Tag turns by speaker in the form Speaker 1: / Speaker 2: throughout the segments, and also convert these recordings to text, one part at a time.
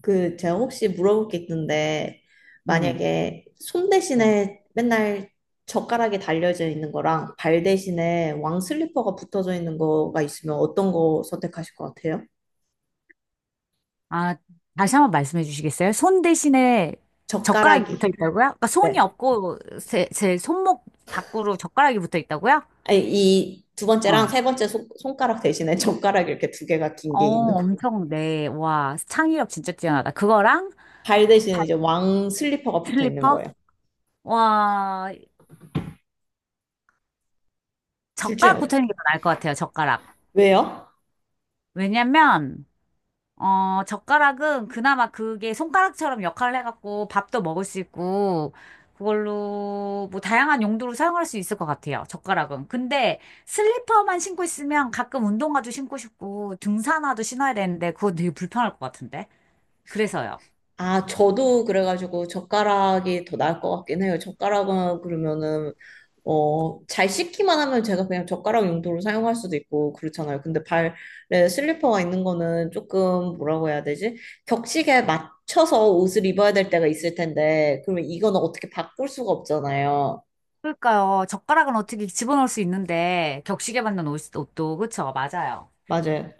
Speaker 1: 그 제가 혹시 물어볼 게 있는데. 네.
Speaker 2: 음.
Speaker 1: 만약에 손
Speaker 2: 네.
Speaker 1: 대신에 맨날 젓가락이 달려져 있는 거랑 발 대신에 왕 슬리퍼가 붙어져 있는 거가 있으면 어떤 거 선택하실 것 같아요?
Speaker 2: 아, 다시 한번 말씀해 주시겠어요? 손 대신에 젓가락이 붙어
Speaker 1: 젓가락이.
Speaker 2: 있다고요? 그러니까 손이
Speaker 1: 네.
Speaker 2: 없고 제 손목 밖으로 젓가락이 붙어 있다고요?
Speaker 1: 이 두 번째랑
Speaker 2: 어.
Speaker 1: 세 번째 손가락 대신에 젓가락 이렇게 두 개가 긴
Speaker 2: 어,
Speaker 1: 게 있는 거.
Speaker 2: 엄청, 네. 와, 창의력 진짜 뛰어나다. 그거랑
Speaker 1: 발 대신에
Speaker 2: 발
Speaker 1: 이제 왕 슬리퍼가 붙어 있는
Speaker 2: 슬리퍼?
Speaker 1: 거예요.
Speaker 2: 와,
Speaker 1: 둘
Speaker 2: 젓가락
Speaker 1: 중에
Speaker 2: 붙어 있는 게 더 나을 것 같아요, 젓가락.
Speaker 1: 왜요?
Speaker 2: 왜냐면, 젓가락은 그나마 그게 손가락처럼 역할을 해갖고 밥도 먹을 수 있고, 그걸로 뭐 다양한 용도로 사용할 수 있을 것 같아요. 젓가락은. 근데 슬리퍼만 신고 있으면 가끔 운동화도 신고 싶고, 등산화도 신어야 되는데, 그거 되게 불편할 것 같은데. 그래서요.
Speaker 1: 아, 저도 그래가지고 젓가락이 더 나을 것 같긴 해요. 젓가락은 그러면은, 잘 씻기만 하면 제가 그냥 젓가락 용도로 사용할 수도 있고 그렇잖아요. 근데 발에 슬리퍼가 있는 거는 조금 뭐라고 해야 되지? 격식에 맞춰서 옷을 입어야 될 때가 있을 텐데, 그러면 이거는 어떻게 바꿀 수가 없잖아요.
Speaker 2: 그러니까요. 젓가락은 어떻게 집어넣을 수 있는데, 격식에 맞는 옷도, 그쵸? 맞아요.
Speaker 1: 맞아요.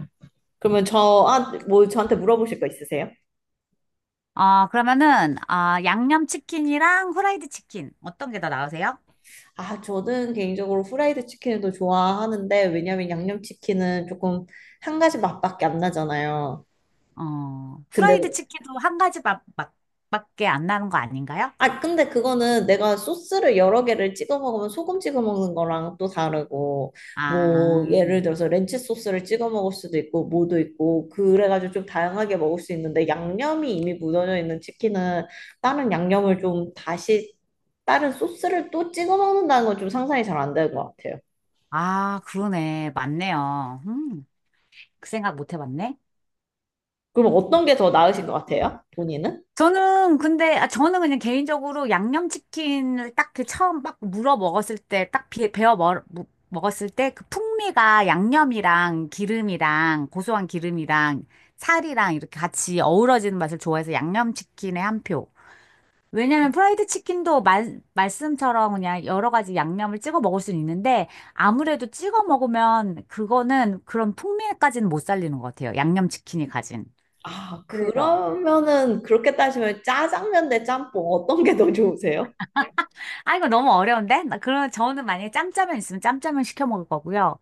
Speaker 1: 그러면 저, 아, 뭐 저한테 물어보실 거 있으세요?
Speaker 2: 아, 그러면은, 아, 양념치킨이랑 후라이드 치킨. 어떤 게 더 나으세요?
Speaker 1: 아, 저는 개인적으로 후라이드 치킨을 더 좋아하는데, 왜냐면 양념치킨은 조금 한 가지 맛밖에 안 나잖아요.
Speaker 2: 어, 후라이드
Speaker 1: 근데,
Speaker 2: 치킨도 한 가지 밖에 안 나는 거 아닌가요?
Speaker 1: 아, 근데 그거는 내가 소스를 여러 개를 찍어 먹으면 소금 찍어 먹는 거랑 또 다르고,
Speaker 2: 아,
Speaker 1: 뭐, 예를 들어서 렌치 소스를 찍어 먹을 수도 있고, 뭐도 있고, 그래가지고 좀 다양하게 먹을 수 있는데, 양념이 이미 묻어져 있는 치킨은 다른 양념을 좀 다시, 다른 소스를 또 찍어 먹는다는 건 좀 상상이 잘 안 되는 것 같아요.
Speaker 2: 아, 그러네. 맞네요. 그 생각 못 해봤네.
Speaker 1: 그럼 어떤 게 더 나으신 것 같아요? 본인은?
Speaker 2: 저는 근데 아, 저는 그냥 개인적으로 양념치킨을 딱 그 처음 막 물어 먹었을 때 딱 베어 먹었을 때 그 풍미가 양념이랑 기름이랑 고소한 기름이랑 살이랑 이렇게 같이 어우러지는 맛을 좋아해서 양념치킨에 한 표. 왜냐면 프라이드 치킨도 말씀처럼 그냥 여러 가지 양념을 찍어 먹을 수는 있는데 아무래도 찍어 먹으면 그거는 그런 풍미까지는 못 살리는 것 같아요. 양념 치킨이 가진.
Speaker 1: 아,
Speaker 2: 그래서.
Speaker 1: 그러면은 그렇게 따지면 짜장면 대 짬뽕 어떤 게 더 좋으세요?
Speaker 2: 아, 이거 너무 어려운데? 나 그러면 저는 만약에 짬짜면 있으면 짬짜면 시켜 먹을 거고요.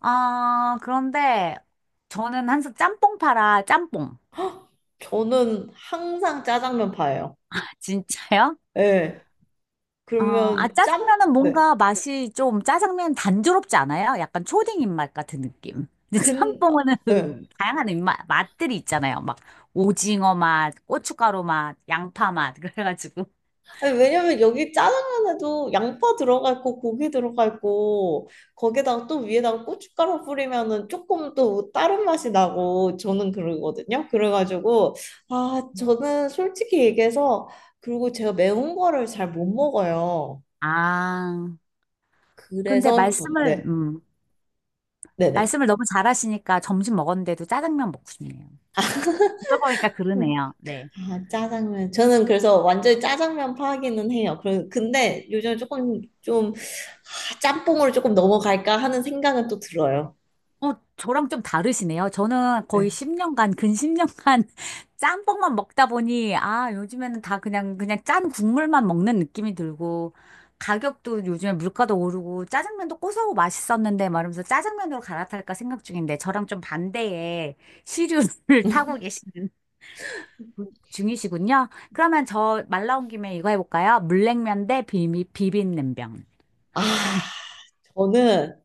Speaker 2: 아, 그런데 저는 항상 짬뽕 팔아, 짬뽕.
Speaker 1: 헉, 저는 항상 짜장면 파예요.
Speaker 2: 진짜요?
Speaker 1: 예.
Speaker 2: 어, 아,
Speaker 1: 그러면 짬?
Speaker 2: 짜장면은
Speaker 1: 네.
Speaker 2: 뭔가 맛이 좀 짜장면 단조롭지 않아요? 약간 초딩 입맛 같은 느낌. 근데
Speaker 1: 근,
Speaker 2: 짬뽕은
Speaker 1: 예.
Speaker 2: 다양한 입맛, 맛들이 있잖아요. 막 오징어 맛, 고춧가루 맛, 양파 맛, 그래가지고.
Speaker 1: 아니, 왜냐면 여기 짜장면에도 양파 들어가 있고 고기 들어가 있고 거기다가 또 위에다가 고춧가루 뿌리면은 조금 또 다른 맛이 나고 저는 그러거든요. 그래가지고 아 저는 솔직히 얘기해서 그리고 제가 매운 거를 잘 못 먹어요.
Speaker 2: 아, 근데
Speaker 1: 그래서 전 네, 네네.
Speaker 2: 말씀을 너무 잘하시니까 점심 먹었는데도 짜장면 먹고 싶네요. 들어보니까
Speaker 1: 음,
Speaker 2: 그러네요. 네.
Speaker 1: 아 짜장면 저는 그래서 완전히 짜장면 파기는 해요. 그 근데 요즘 조금 좀 아, 짬뽕으로 조금 넘어갈까 하는 생각은 또 들어요.
Speaker 2: 어, 저랑 좀 다르시네요. 저는 거의
Speaker 1: 네.
Speaker 2: 10년간, 근 10년간 짬뽕만 먹다 보니, 아, 요즘에는 다 그냥 짠 국물만 먹는 느낌이 들고, 가격도 요즘에 물가도 오르고, 짜장면도 고소하고 맛있었는데, 말하면서 짜장면으로 갈아탈까 생각 중인데, 저랑 좀 반대의 시류를 타고 계신 중이시군요. 그러면 저 말 나온 김에 이거 해볼까요? 물냉면 대 비빔냉면.
Speaker 1: 아,
Speaker 2: 발음이.
Speaker 1: 저는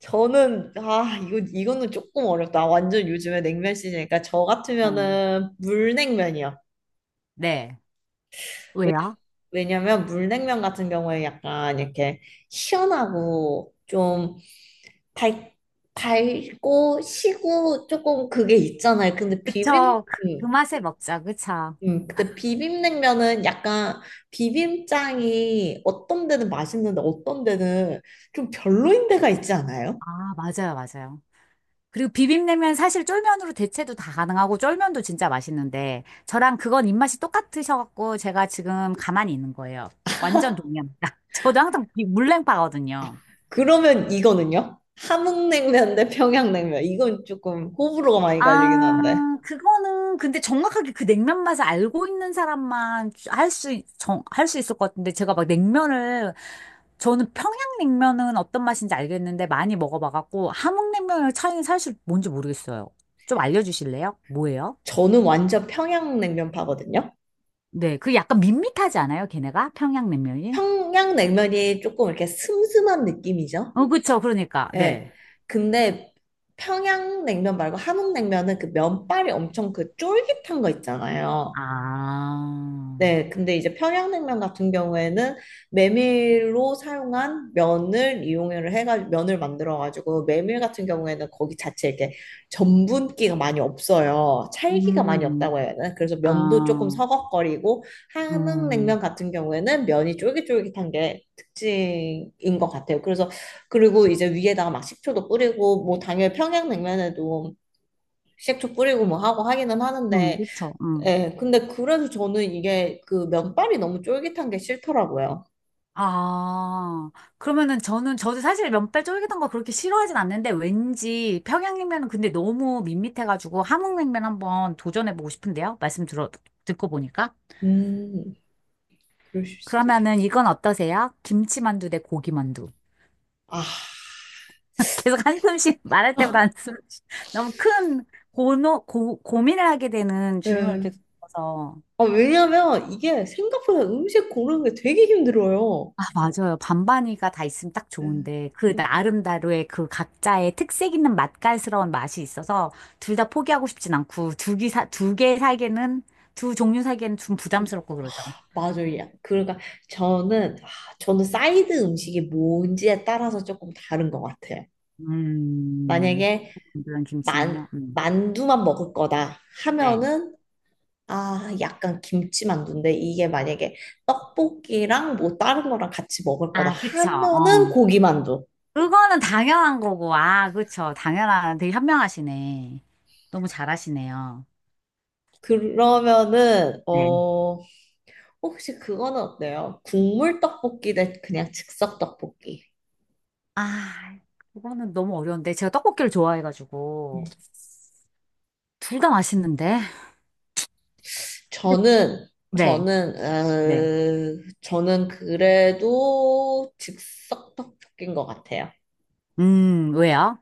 Speaker 1: 저는 아 이거는 조금 어렵다. 완전 요즘에 냉면 시즌이니까 저
Speaker 2: 어,
Speaker 1: 같으면은 물냉면이요.
Speaker 2: 네.
Speaker 1: 왜냐,
Speaker 2: 왜요?
Speaker 1: 왜냐면 물냉면 같은 경우에 약간 이렇게 시원하고 좀 달, 달고 시고 조금 그게 있잖아요. 근데 비빔
Speaker 2: 그쵸. 그
Speaker 1: 음,
Speaker 2: 맛에 먹자. 그쵸.
Speaker 1: 근데 비빔냉면은 약간 비빔장이 어떤 데는 맛있는데 어떤 데는 좀 별로인 데가 있지 않아요?
Speaker 2: 아, 맞아요, 맞아요. 그리고 비빔냉면 사실 쫄면으로 대체도 다 가능하고 쫄면도 진짜 맛있는데 저랑 그건 입맛이 똑같으셔갖고 제가 지금 가만히 있는 거예요. 완전 동의합니다. 저도 항상 이 물냉파거든요.
Speaker 1: 그러면 이거는요? 함흥냉면 대 평양냉면. 이건 조금 호불호가 많이 갈리긴 한데.
Speaker 2: 아, 그거는 근데 정확하게 그 냉면 맛을 알고 있는 사람만 정, 할 수 있을 것 같은데 제가 막 냉면을 저는 평양냉면은 어떤 맛인지 알겠는데 많이 먹어봐갖고 함흥냉면의 차이는 사실 뭔지 모르겠어요. 좀 알려주실래요? 뭐예요?
Speaker 1: 저는 완전 평양냉면 파거든요.
Speaker 2: 네. 그게 약간 밋밋하지 않아요? 걔네가? 평양냉면이?
Speaker 1: 평양냉면이 조금 이렇게 슴슴한 느낌이죠.
Speaker 2: 어, 그쵸. 그러니까. 네.
Speaker 1: 예. 근데 평양냉면 말고 함흥냉면은 그 면발이 엄청 그 쫄깃한 거 있잖아요.
Speaker 2: 아,
Speaker 1: 네, 근데 이제 평양냉면 같은 경우에는 메밀로 사용한 면을 이용을 해가지고 면을 만들어가지고 메밀 같은 경우에는 거기 자체 이렇게 전분기가 많이 없어요. 찰기가 많이
Speaker 2: 음,
Speaker 1: 없다고 해야 되나? 그래서 면도 조금
Speaker 2: 아,
Speaker 1: 서걱거리고 한흥냉면
Speaker 2: 음,
Speaker 1: 같은 경우에는 면이 쫄깃쫄깃한 게 특징인 것 같아요. 그래서 그리고 이제 위에다가 막 식초도 뿌리고 뭐 당연히 평양냉면에도 식초 뿌리고 뭐 하고 하기는 하는데
Speaker 2: 그쵸. 음.
Speaker 1: 예, 근데 그래서 저는 이게 그 면발이 너무 쫄깃한 게 싫더라고요.
Speaker 2: 아, 그러면은 저는, 저도 사실 면발 쫄깃한 거 그렇게 싫어하진 않는데 왠지 평양냉면은 근데 너무 밋밋해가지고 함흥냉면 한번 도전해보고 싶은데요? 듣고 보니까.
Speaker 1: 음, 그러실 수 있죠.
Speaker 2: 그러면은 이건 어떠세요? 김치만두 대 고기만두.
Speaker 1: 아,
Speaker 2: 계속 한숨씩 말할 때마다 한숨 너무 큰 고민을 하게 되는 질문을
Speaker 1: 예.
Speaker 2: 계속 줘서
Speaker 1: 아, 왜냐면 이게 생각보다 음식 고르는 게 되게 힘들어요.
Speaker 2: 아 맞아요 반반이가 다 있으면 딱
Speaker 1: 예.
Speaker 2: 좋은데 그 나름대로의 그 각자의 특색 있는 맛깔스러운 맛이 있어서 둘 다 포기하고 싶진 않고 두개사두 개 사기는 두 종류 사기에는 좀
Speaker 1: 좀,
Speaker 2: 부담스럽고
Speaker 1: 아,
Speaker 2: 그러죠.
Speaker 1: 맞아요. 그러니까 저는, 아, 저는 사이드 음식이 뭔지에 따라서 조금 다른 것 같아요.
Speaker 2: 음,
Speaker 1: 만약에
Speaker 2: 이런
Speaker 1: 만,
Speaker 2: 김치는요.
Speaker 1: 만두만 먹을 거다
Speaker 2: 네.
Speaker 1: 하면은 아, 약간 김치만두인데 이게 만약에 떡볶이랑 뭐 다른 거랑 같이 먹을 거다
Speaker 2: 아, 그쵸.
Speaker 1: 하면은
Speaker 2: 어.
Speaker 1: 고기만두.
Speaker 2: 그거는 당연한 거고, 아, 그쵸. 당연한, 되게 현명하시네. 너무 잘하시네요.
Speaker 1: 그러면은
Speaker 2: 네.
Speaker 1: 어 혹시 그거는 어때요? 국물 떡볶이 대 그냥 즉석 떡볶이.
Speaker 2: 아, 그거는 너무 어려운데. 제가 떡볶이를 좋아해가지고.
Speaker 1: 음.
Speaker 2: 둘 다 맛있는데?
Speaker 1: 저는 저는
Speaker 2: 네.
Speaker 1: 어, 저는 그래도 즉석 떡볶이인 것 같아요.
Speaker 2: 왜요?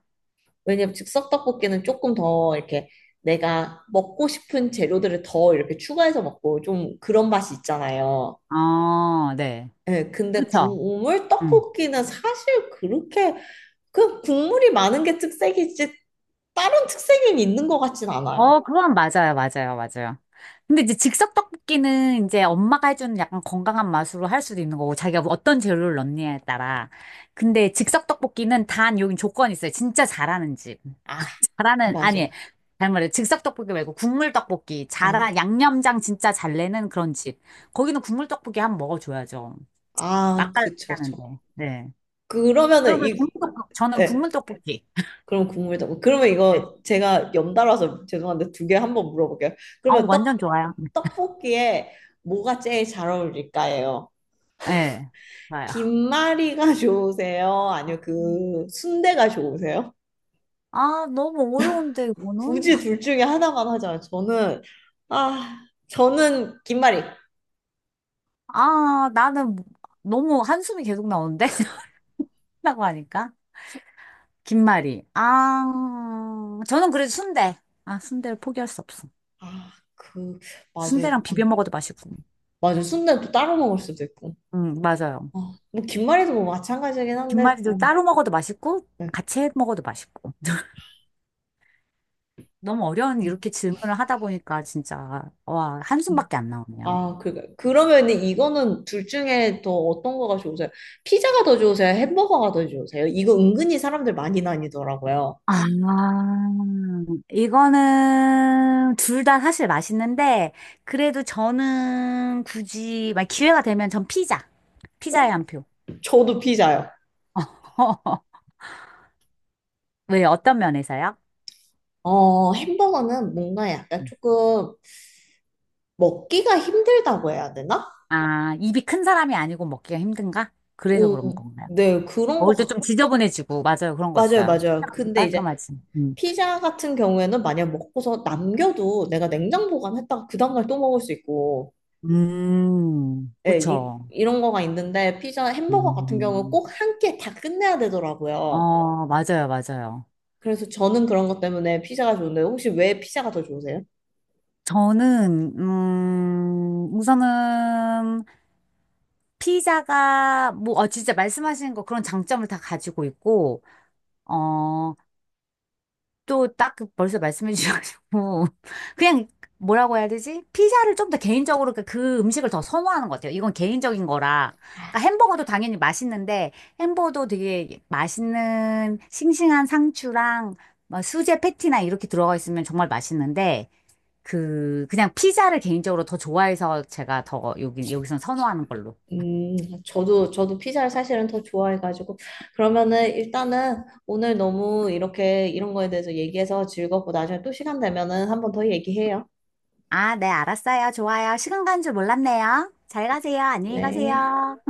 Speaker 1: 왜냐면 즉석 떡볶이는 조금 더 이렇게 내가 먹고 싶은 재료들을 더 이렇게 추가해서 먹고 좀 그런 맛이 있잖아요.
Speaker 2: 어, 네.
Speaker 1: 예, 근데
Speaker 2: 그쵸.
Speaker 1: 국물
Speaker 2: 음.
Speaker 1: 떡볶이는 사실 그렇게 그 국물이 많은 게 특색이지 다른 특색이 있는 것 같진 않아요.
Speaker 2: 어, 그건 맞아요. 근데 이제 즉석 떡볶이는 이제 엄마가 해주는 약간 건강한 맛으로 할 수도 있는 거고, 자기가 어떤 재료를 넣느냐에 따라. 근데 즉석 떡볶이는 단 여긴 조건이 있어요. 진짜 잘하는 집.
Speaker 1: 아,
Speaker 2: 잘하는, 아니,
Speaker 1: 맞아.
Speaker 2: 잘말해 즉석 떡볶이 말고 국물 떡볶이.
Speaker 1: 아,
Speaker 2: 잘한, 양념장 진짜 잘 내는 그런 집. 거기는 국물 떡볶이 한번 먹어줘야죠.
Speaker 1: 아,
Speaker 2: 맛깔
Speaker 1: 그쵸, 저.
Speaker 2: 나는데. 네. 저는
Speaker 1: 그러면은
Speaker 2: 그래서
Speaker 1: 이,
Speaker 2: 저는 국물
Speaker 1: 예,
Speaker 2: 떡볶이.
Speaker 1: 그럼 국물 떡볶이. 그러면
Speaker 2: 네.
Speaker 1: 이거 제가 연달아서 죄송한데 두 개 한번 물어볼게요.
Speaker 2: 어,
Speaker 1: 그러면
Speaker 2: 완전 좋아요.
Speaker 1: 떡볶이에 뭐가 제일 잘 어울릴까요?
Speaker 2: 네. 좋아요.
Speaker 1: 김말이가 좋으세요? 아니요,
Speaker 2: 음.
Speaker 1: 그 순대가 좋으세요?
Speaker 2: 아, 너무 어려운데, 이거는?
Speaker 1: 굳이 둘 중에 하나만 하자면 저는 아 저는 김말이
Speaker 2: 아, 나는 너무 한숨이 계속 나오는데? 라고 하니까. 김말이. 아, 저는 그래도 순대. 아, 순대를 포기할 수 없어.
Speaker 1: 아 그 맞아
Speaker 2: 순대랑 비벼 먹어도 맛있고.
Speaker 1: 맞아 순대는 또 따로 먹을 수도 있고
Speaker 2: 맞아요.
Speaker 1: 아, 뭐 김말이도 뭐 마찬가지긴 한데
Speaker 2: 김말이도 따로 먹어도 맛있고
Speaker 1: 네,
Speaker 2: 같이 해 먹어도 맛있고. 너무 어려운
Speaker 1: 음,
Speaker 2: 이렇게 질문을 하다 보니까 진짜 와,
Speaker 1: 음.
Speaker 2: 한숨밖에 안 나오네요.
Speaker 1: 아 그, 그러면 이거는 둘 중에 더 어떤 거가 좋으세요? 피자가 더 좋으세요? 햄버거가 더 좋으세요? 이거 은근히 사람들 많이 나뉘더라고요.
Speaker 2: 아, 이거는 둘 다 사실 맛있는데 그래도 저는 굳이 막 기회가 되면 전 피자. 피자에 한 표.
Speaker 1: 저도 피자요.
Speaker 2: 왜 어떤 면에서요?
Speaker 1: 어, 햄버거는 뭔가 약간 조금 먹기가 힘들다고 해야 되나?
Speaker 2: 아, 입이 큰 사람이 아니고 먹기가 힘든가? 그래서 그런 건가요?
Speaker 1: 네, 그런 것
Speaker 2: 먹을 때
Speaker 1: 같,
Speaker 2: 좀 지저분해지고, 맞아요. 그런 거
Speaker 1: 맞아요,
Speaker 2: 있어요.
Speaker 1: 맞아요.
Speaker 2: 피자가 좀
Speaker 1: 근데 이제
Speaker 2: 깔끔하지.
Speaker 1: 피자 같은 경우에는 만약 먹고서 남겨도 내가 냉장 보관했다가 그 다음날 또 먹을 수 있고, 예,
Speaker 2: 그쵸.
Speaker 1: 이런 거가 있는데 피자, 햄버거 같은 경우는
Speaker 2: 음,
Speaker 1: 꼭 한 끼에 다 끝내야 되더라고요.
Speaker 2: 어, 맞아요.
Speaker 1: 그래서 저는 그런 것 때문에 피자가 좋은데 혹시 왜 피자가 더 좋으세요?
Speaker 2: 저는, 우선은, 피자가, 뭐, 어, 진짜 말씀하시는 거 그런 장점을 다 가지고 있고, 어, 또딱 그 벌써 말씀해 주셔가지고 그냥 뭐라고 해야 되지? 피자를 좀 더 개인적으로 그그 음식을 더 선호하는 것 같아요. 이건 개인적인 거라. 그러니까 햄버거도 당연히 맛있는데 햄버거도 되게 맛있는 싱싱한 상추랑 막 수제 패티나 이렇게 들어가 있으면 정말 맛있는데 그 그냥 피자를 개인적으로 더 좋아해서 제가 더 여기선 선호하는 걸로.
Speaker 1: 음, 저도 피자를 사실은 더 좋아해가지고. 그러면은 일단은 오늘 너무 이렇게 이런 거에 대해서 얘기해서 즐겁고 나중에 또 시간 되면은 한 번 더 얘기해요.
Speaker 2: 아, 네, 알았어요. 좋아요. 시간 간 줄 몰랐네요. 잘 가세요. 안녕히
Speaker 1: 네.
Speaker 2: 가세요.